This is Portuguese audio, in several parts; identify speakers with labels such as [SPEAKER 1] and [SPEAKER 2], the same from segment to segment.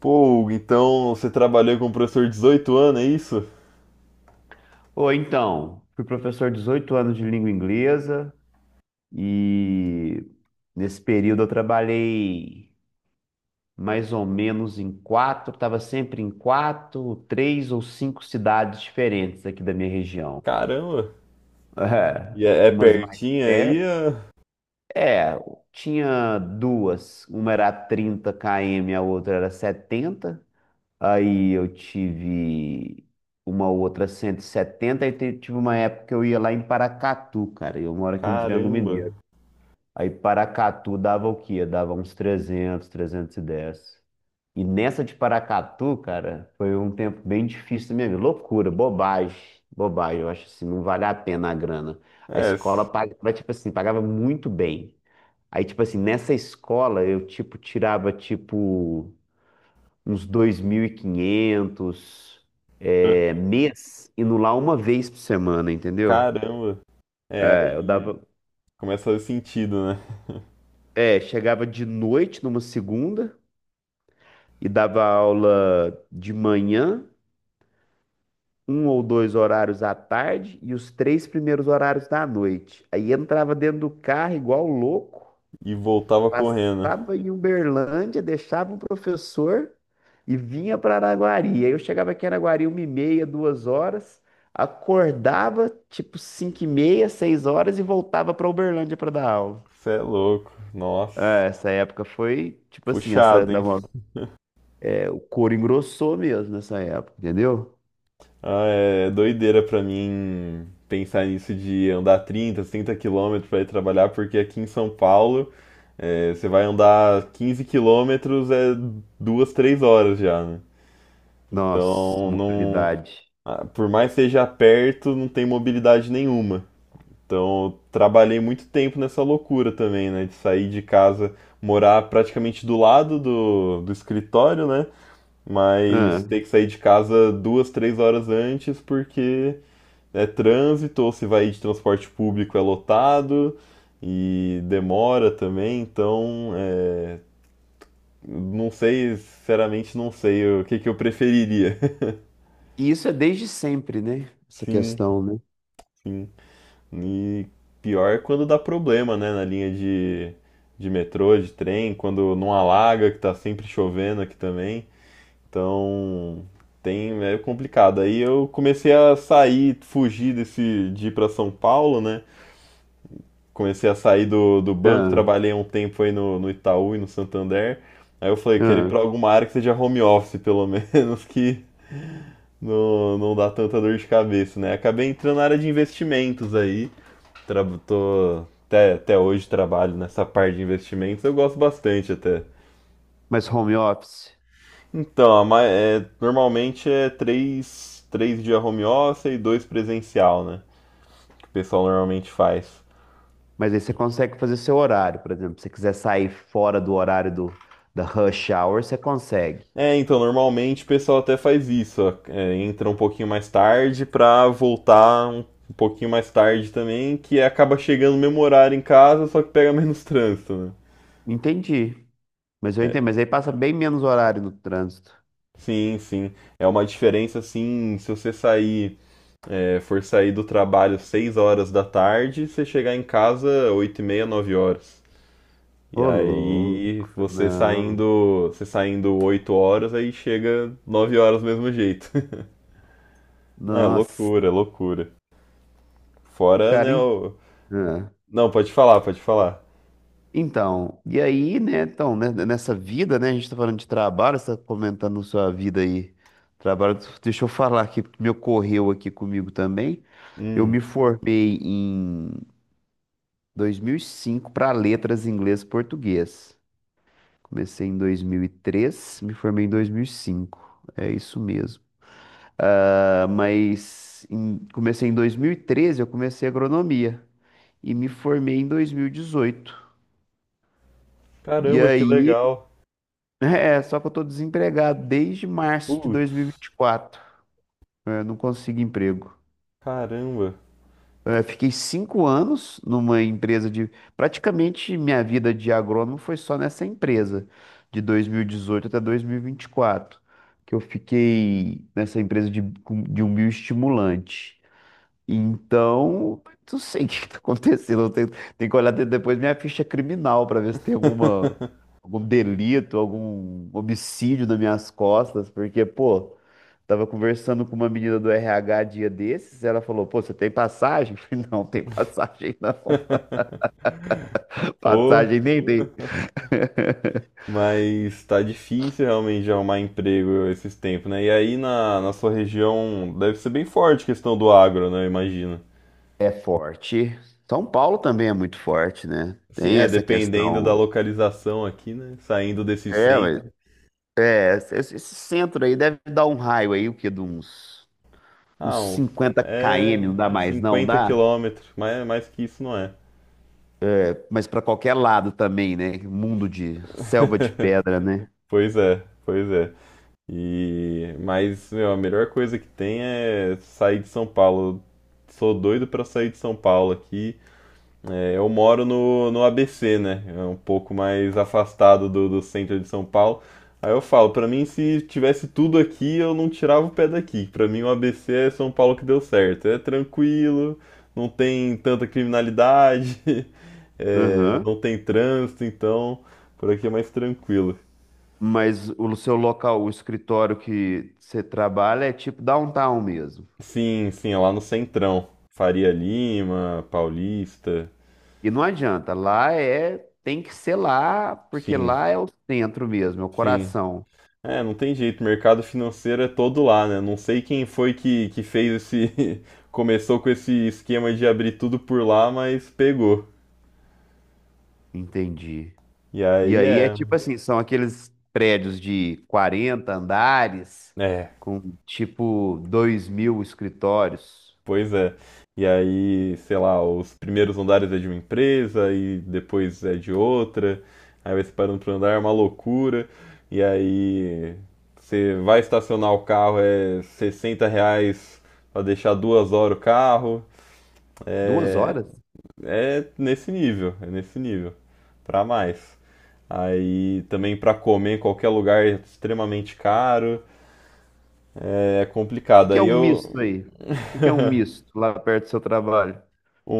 [SPEAKER 1] Pô, Hugo, então você trabalhou com um professor de 18 anos, é isso?
[SPEAKER 2] Ou então, fui professor 18 anos de língua inglesa e nesse período eu trabalhei mais ou menos estava sempre em quatro, três ou cinco cidades diferentes aqui da minha região.
[SPEAKER 1] Caramba!
[SPEAKER 2] É,
[SPEAKER 1] E é
[SPEAKER 2] umas mais
[SPEAKER 1] pertinho aí,
[SPEAKER 2] perto.
[SPEAKER 1] ó?
[SPEAKER 2] É, tinha duas, uma era a 30 km, a outra era 70. Aí eu tive uma outra 170 tive uma época que eu ia lá em Paracatu, cara. Eu moro aqui no Triângulo
[SPEAKER 1] Caramba!
[SPEAKER 2] Mineiro. Aí Paracatu dava o quê? Dava uns 300, 310. E dez. E nessa de Paracatu, cara, foi um tempo bem difícil da minha vida. Loucura, bobagem, bobagem. Eu acho assim, não vale a pena a grana. A
[SPEAKER 1] É,
[SPEAKER 2] escola pagava, tipo assim, pagava muito bem. Aí, tipo assim, nessa escola eu, tipo, tirava, tipo uns 2.500 é, mês, indo lá uma vez por semana, entendeu?
[SPEAKER 1] caramba! É,
[SPEAKER 2] É, eu
[SPEAKER 1] aí
[SPEAKER 2] dava,
[SPEAKER 1] começa a fazer sentido, né?
[SPEAKER 2] é, chegava de noite numa segunda e dava aula de manhã, um ou dois horários à tarde e os três primeiros horários da noite. Aí entrava dentro do carro igual louco.
[SPEAKER 1] E voltava correndo.
[SPEAKER 2] Passava em Uberlândia, deixava o professor e vinha para Araguari. Aí eu chegava aqui em Araguari uma e meia, duas horas, acordava tipo cinco e meia, seis horas e voltava para Uberlândia para dar aula.
[SPEAKER 1] Você é louco, nossa.
[SPEAKER 2] É, essa época foi tipo assim,
[SPEAKER 1] Puxado, hein?
[SPEAKER 2] é, o couro engrossou mesmo nessa época, entendeu?
[SPEAKER 1] Ah, é doideira pra mim pensar nisso de andar 30 quilômetros pra ir trabalhar, porque aqui em São Paulo. É, você vai andar 15 quilômetros, é 2, 3 horas já, né?
[SPEAKER 2] Nossa,
[SPEAKER 1] Então, não,
[SPEAKER 2] mobilidade.
[SPEAKER 1] ah, por mais que seja perto, não tem mobilidade nenhuma. Então, eu trabalhei muito tempo nessa loucura também, né? De sair de casa, morar praticamente do lado do escritório, né?
[SPEAKER 2] Ah,
[SPEAKER 1] Mas ter que sair de casa 2, 3 horas antes porque é trânsito, ou se vai de transporte público é lotado e demora também. Então, não sei, sinceramente não sei o que que eu preferiria.
[SPEAKER 2] e isso é desde sempre, né? Essa
[SPEAKER 1] Sim,
[SPEAKER 2] questão, né?
[SPEAKER 1] sim. E pior é quando dá problema, né, na linha de metrô, de trem, quando não alaga, que tá sempre chovendo aqui também. Então, tem, é complicado. Aí eu comecei a sair, fugir desse, de ir pra São Paulo, né? Comecei a sair do banco,
[SPEAKER 2] Ah,
[SPEAKER 1] trabalhei um tempo aí no Itaú e no Santander. Aí eu falei, quero ir
[SPEAKER 2] ah.
[SPEAKER 1] pra alguma área que seja home office, pelo menos, que não dá tanta dor de cabeça, né? Acabei entrando na área de investimentos aí. Tra Tô, até hoje trabalho nessa parte de investimentos, eu gosto bastante até.
[SPEAKER 2] Mas home office?
[SPEAKER 1] Então, normalmente é três dias home office e dois presencial, né? Que o pessoal normalmente faz.
[SPEAKER 2] Mas aí você consegue fazer seu horário, por exemplo. Se você quiser sair fora do horário do, da rush hour, você consegue.
[SPEAKER 1] É, então, normalmente o pessoal até faz isso, ó, entra um pouquinho mais tarde pra voltar um pouquinho mais tarde também, que acaba chegando no mesmo horário em casa, só que pega menos trânsito, né?
[SPEAKER 2] Entendi. Mas eu
[SPEAKER 1] É,
[SPEAKER 2] entendo. Mas aí passa bem menos horário no trânsito.
[SPEAKER 1] sim, sim. É uma diferença assim, se você for sair do trabalho 6 horas da tarde, você chegar em casa 8:30, 9 horas. E
[SPEAKER 2] Ô, louco,
[SPEAKER 1] aí você
[SPEAKER 2] não.
[SPEAKER 1] saindo, você saindo 8 horas, aí chega 9 horas do mesmo jeito. Ah,
[SPEAKER 2] Nossa,
[SPEAKER 1] loucura, loucura. Fora,
[SPEAKER 2] cara.
[SPEAKER 1] né,
[SPEAKER 2] Ah.
[SPEAKER 1] Não, pode falar, pode falar.
[SPEAKER 2] Então, e aí, né? Então, né, nessa vida, né? A gente tá falando de trabalho, você tá comentando sua vida aí. Trabalho, deixa eu falar aqui, porque me ocorreu aqui comigo também. Eu
[SPEAKER 1] Hum.
[SPEAKER 2] me formei 2005 para letras inglês e português. Comecei em 2003, me formei em 2005. É isso mesmo. Ah, mas comecei em 2013, eu comecei agronomia e me formei em 2018. E dezoito. E
[SPEAKER 1] Caramba, que
[SPEAKER 2] aí,
[SPEAKER 1] legal.
[SPEAKER 2] é, só que eu tô desempregado desde março de
[SPEAKER 1] Putz,
[SPEAKER 2] 2024. Eu não consigo emprego.
[SPEAKER 1] caramba.
[SPEAKER 2] Eu fiquei 5 anos numa empresa de. Praticamente minha vida de agrônomo foi só nessa empresa, de 2018 até 2024, que eu fiquei nessa empresa de um bioestimulante. Então, não sei o que está acontecendo. Eu tenho que olhar depois minha ficha criminal para ver se tem alguma, algum delito, algum homicídio nas minhas costas, porque, pô. Tava conversando com uma menina do RH dia desses, ela falou: "Pô, você tem passagem?" Eu falei: "Não, tem passagem não.
[SPEAKER 1] Pô.
[SPEAKER 2] Passagem nem tem."
[SPEAKER 1] Mas tá difícil realmente de arrumar emprego esses tempos, né? E aí na sua região deve ser bem forte a questão do agro, né? Eu imagino.
[SPEAKER 2] É forte. São Paulo também é muito forte, né?
[SPEAKER 1] Assim,
[SPEAKER 2] Tem essa
[SPEAKER 1] dependendo da
[SPEAKER 2] questão.
[SPEAKER 1] localização aqui, né? Saindo desse
[SPEAKER 2] É,
[SPEAKER 1] centro.
[SPEAKER 2] é, esse centro aí deve dar um raio aí, o quê? De uns, uns
[SPEAKER 1] Ah,
[SPEAKER 2] 50
[SPEAKER 1] é
[SPEAKER 2] km, não dá
[SPEAKER 1] uns
[SPEAKER 2] mais, não
[SPEAKER 1] 50
[SPEAKER 2] dá?
[SPEAKER 1] quilômetros, mas é mais que isso não é.
[SPEAKER 2] Mas pra qualquer lado também, né? Mundo de selva de pedra, né?
[SPEAKER 1] Pois é, pois é. E mas meu, a melhor coisa que tem é sair de São Paulo. Sou doido pra sair de São Paulo aqui. É, eu moro no ABC, né? É um pouco mais afastado do centro de São Paulo. Aí eu falo, pra mim, se tivesse tudo aqui, eu não tirava o pé daqui. Pra mim, o ABC é São Paulo que deu certo. É tranquilo, não tem tanta criminalidade,
[SPEAKER 2] Aham.
[SPEAKER 1] não tem trânsito, então por aqui é mais tranquilo.
[SPEAKER 2] Mas o seu local, o escritório que você trabalha é tipo downtown mesmo.
[SPEAKER 1] Sim, sim, é lá no Centrão. Faria Lima, Paulista.
[SPEAKER 2] E não adianta, lá é, tem que ser lá, porque
[SPEAKER 1] Sim,
[SPEAKER 2] lá é o centro mesmo, é o
[SPEAKER 1] sim.
[SPEAKER 2] coração.
[SPEAKER 1] É, não tem jeito, mercado financeiro é todo lá, né? Não sei quem foi que fez esse. Começou com esse esquema de abrir tudo por lá, mas pegou.
[SPEAKER 2] Entendi.
[SPEAKER 1] E
[SPEAKER 2] E
[SPEAKER 1] aí
[SPEAKER 2] aí é
[SPEAKER 1] é.
[SPEAKER 2] tipo assim, são aqueles prédios de 40 andares
[SPEAKER 1] É,
[SPEAKER 2] com tipo 2.000 escritórios.
[SPEAKER 1] pois é. E aí, sei lá, os primeiros andares é de uma empresa e depois é de outra. Aí vai separando por andar, é uma loucura. E aí você vai estacionar o carro, é R$ 60 para deixar 2 horas o carro.
[SPEAKER 2] Duas
[SPEAKER 1] É,
[SPEAKER 2] horas? O
[SPEAKER 1] é nesse nível, é nesse nível, pra mais. Aí também pra comer em qualquer lugar é extremamente caro, é
[SPEAKER 2] que
[SPEAKER 1] complicado.
[SPEAKER 2] que é
[SPEAKER 1] Aí
[SPEAKER 2] um
[SPEAKER 1] eu
[SPEAKER 2] misto aí? O que que é um misto lá perto do seu trabalho?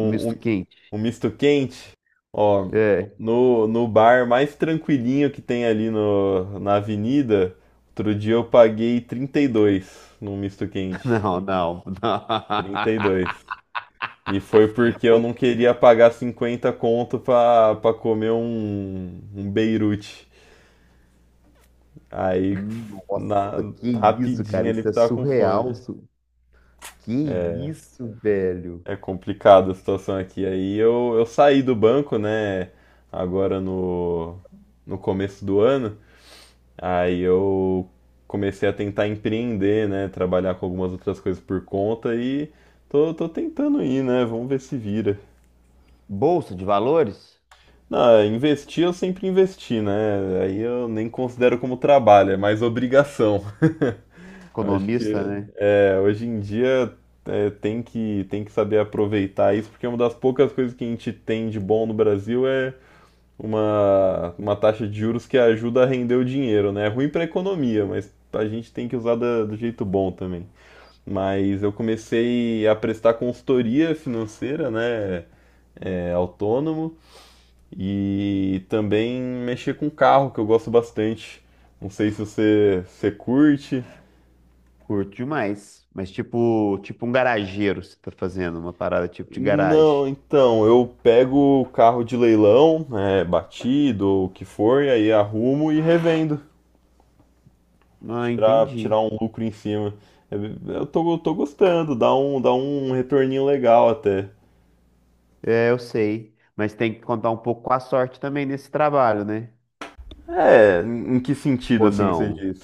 [SPEAKER 2] Um misto
[SPEAKER 1] um,
[SPEAKER 2] quente?
[SPEAKER 1] um misto quente, ó,
[SPEAKER 2] É.
[SPEAKER 1] no bar mais tranquilinho que tem ali no, na avenida, outro dia eu paguei 32 num misto quente.
[SPEAKER 2] Não, não, não.
[SPEAKER 1] Trinta e dois e foi porque eu não queria pagar 50 conto pra comer um Beirute. Aí, na,
[SPEAKER 2] Nossa, que isso,
[SPEAKER 1] rapidinho
[SPEAKER 2] cara?
[SPEAKER 1] ali,
[SPEAKER 2] Isso é
[SPEAKER 1] tava com
[SPEAKER 2] surreal.
[SPEAKER 1] fome.
[SPEAKER 2] Que isso, velho?
[SPEAKER 1] É complicado a situação aqui. Aí eu saí do banco, né? Agora no começo do ano. Aí eu comecei a tentar empreender, né? Trabalhar com algumas outras coisas por conta e tô tentando ir, né? Vamos ver se vira.
[SPEAKER 2] Bolsa de valores?
[SPEAKER 1] Não, investir eu sempre investi, né? Aí eu nem considero como trabalho, é mais obrigação. Eu Acho
[SPEAKER 2] Economista,
[SPEAKER 1] que
[SPEAKER 2] né?
[SPEAKER 1] É, hoje em dia tem que saber aproveitar isso, porque uma das poucas coisas que a gente tem de bom no Brasil é uma taxa de juros que ajuda a render o dinheiro, né? É ruim para a economia, mas a gente tem que usar do jeito bom também. Mas eu comecei a prestar consultoria financeira, né? É, autônomo e também mexer com carro, que eu gosto bastante. Não sei se você curte.
[SPEAKER 2] Curto demais. Mas tipo, tipo um garageiro, você tá fazendo uma parada tipo de garagem.
[SPEAKER 1] Não, então, eu pego o carro de leilão, é batido ou o que for, e aí arrumo e revendo,
[SPEAKER 2] Ah,
[SPEAKER 1] tirar,
[SPEAKER 2] entendi.
[SPEAKER 1] tirar um lucro em cima. Eu eu tô gostando, dá um retorninho legal até.
[SPEAKER 2] É, eu sei. Mas tem que contar um pouco com a sorte também nesse trabalho, né?
[SPEAKER 1] É, em que sentido
[SPEAKER 2] Ou
[SPEAKER 1] assim você
[SPEAKER 2] não?
[SPEAKER 1] diz?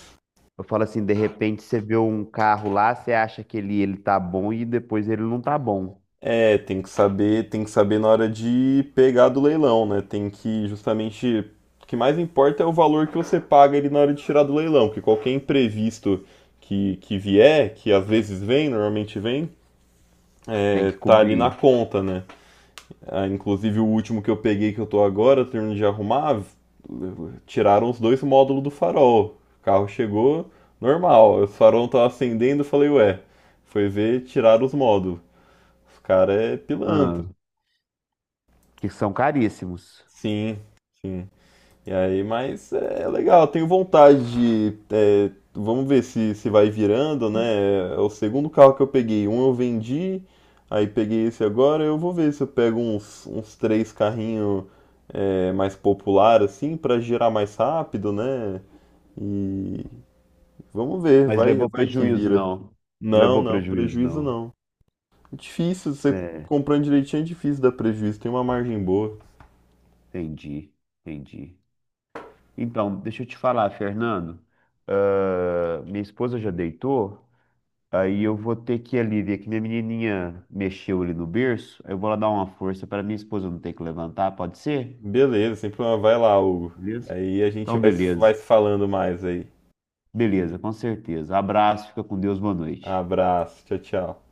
[SPEAKER 2] Eu falo assim, de repente você vê um carro lá, você acha que ele tá bom e depois ele não tá bom.
[SPEAKER 1] É, tem que saber na hora de pegar do leilão, né? Tem que Justamente o que mais importa é o valor que você paga ele na hora de tirar do leilão, porque qualquer imprevisto que vier, que às vezes vem, normalmente vem,
[SPEAKER 2] Tem que
[SPEAKER 1] tá ali na
[SPEAKER 2] cobrir.
[SPEAKER 1] conta, né? Ah, inclusive o último que eu peguei que eu tô agora, terminando de arrumar, tiraram os dois módulos do farol. O carro chegou normal, o farol não tava acendendo, eu falei, ué, foi ver, tiraram os módulos. Os cara é pilantra.
[SPEAKER 2] Ah, que são caríssimos.
[SPEAKER 1] Sim, sim. E aí, mas é legal, tenho vontade vamos ver se vai virando, né? É o segundo carro que eu peguei. Um eu vendi, aí peguei esse agora. Eu vou ver se eu pego uns três carrinhos mais popular assim, pra girar mais rápido, né? E vamos ver,
[SPEAKER 2] Mas
[SPEAKER 1] vai,
[SPEAKER 2] levou
[SPEAKER 1] vai que
[SPEAKER 2] prejuízo,
[SPEAKER 1] vira.
[SPEAKER 2] não.
[SPEAKER 1] Não,
[SPEAKER 2] Levou
[SPEAKER 1] não,
[SPEAKER 2] prejuízo,
[SPEAKER 1] prejuízo
[SPEAKER 2] não.
[SPEAKER 1] não. É difícil, você
[SPEAKER 2] É,
[SPEAKER 1] comprando direitinho é difícil dar prejuízo, tem uma margem boa.
[SPEAKER 2] entendi, entendi. Então, deixa eu te falar, Fernando. Ah, minha esposa já deitou, aí eu vou ter que ir ali ver que minha menininha mexeu ali no berço. Aí eu vou lá dar uma força para minha esposa não ter que levantar, pode ser?
[SPEAKER 1] Beleza, sem problema. Vai lá, Hugo.
[SPEAKER 2] Beleza?
[SPEAKER 1] Aí a gente
[SPEAKER 2] Então,
[SPEAKER 1] vai
[SPEAKER 2] beleza.
[SPEAKER 1] se falando mais aí.
[SPEAKER 2] Beleza, com certeza. Abraço, fica com Deus, boa noite.
[SPEAKER 1] Abraço, tchau, tchau.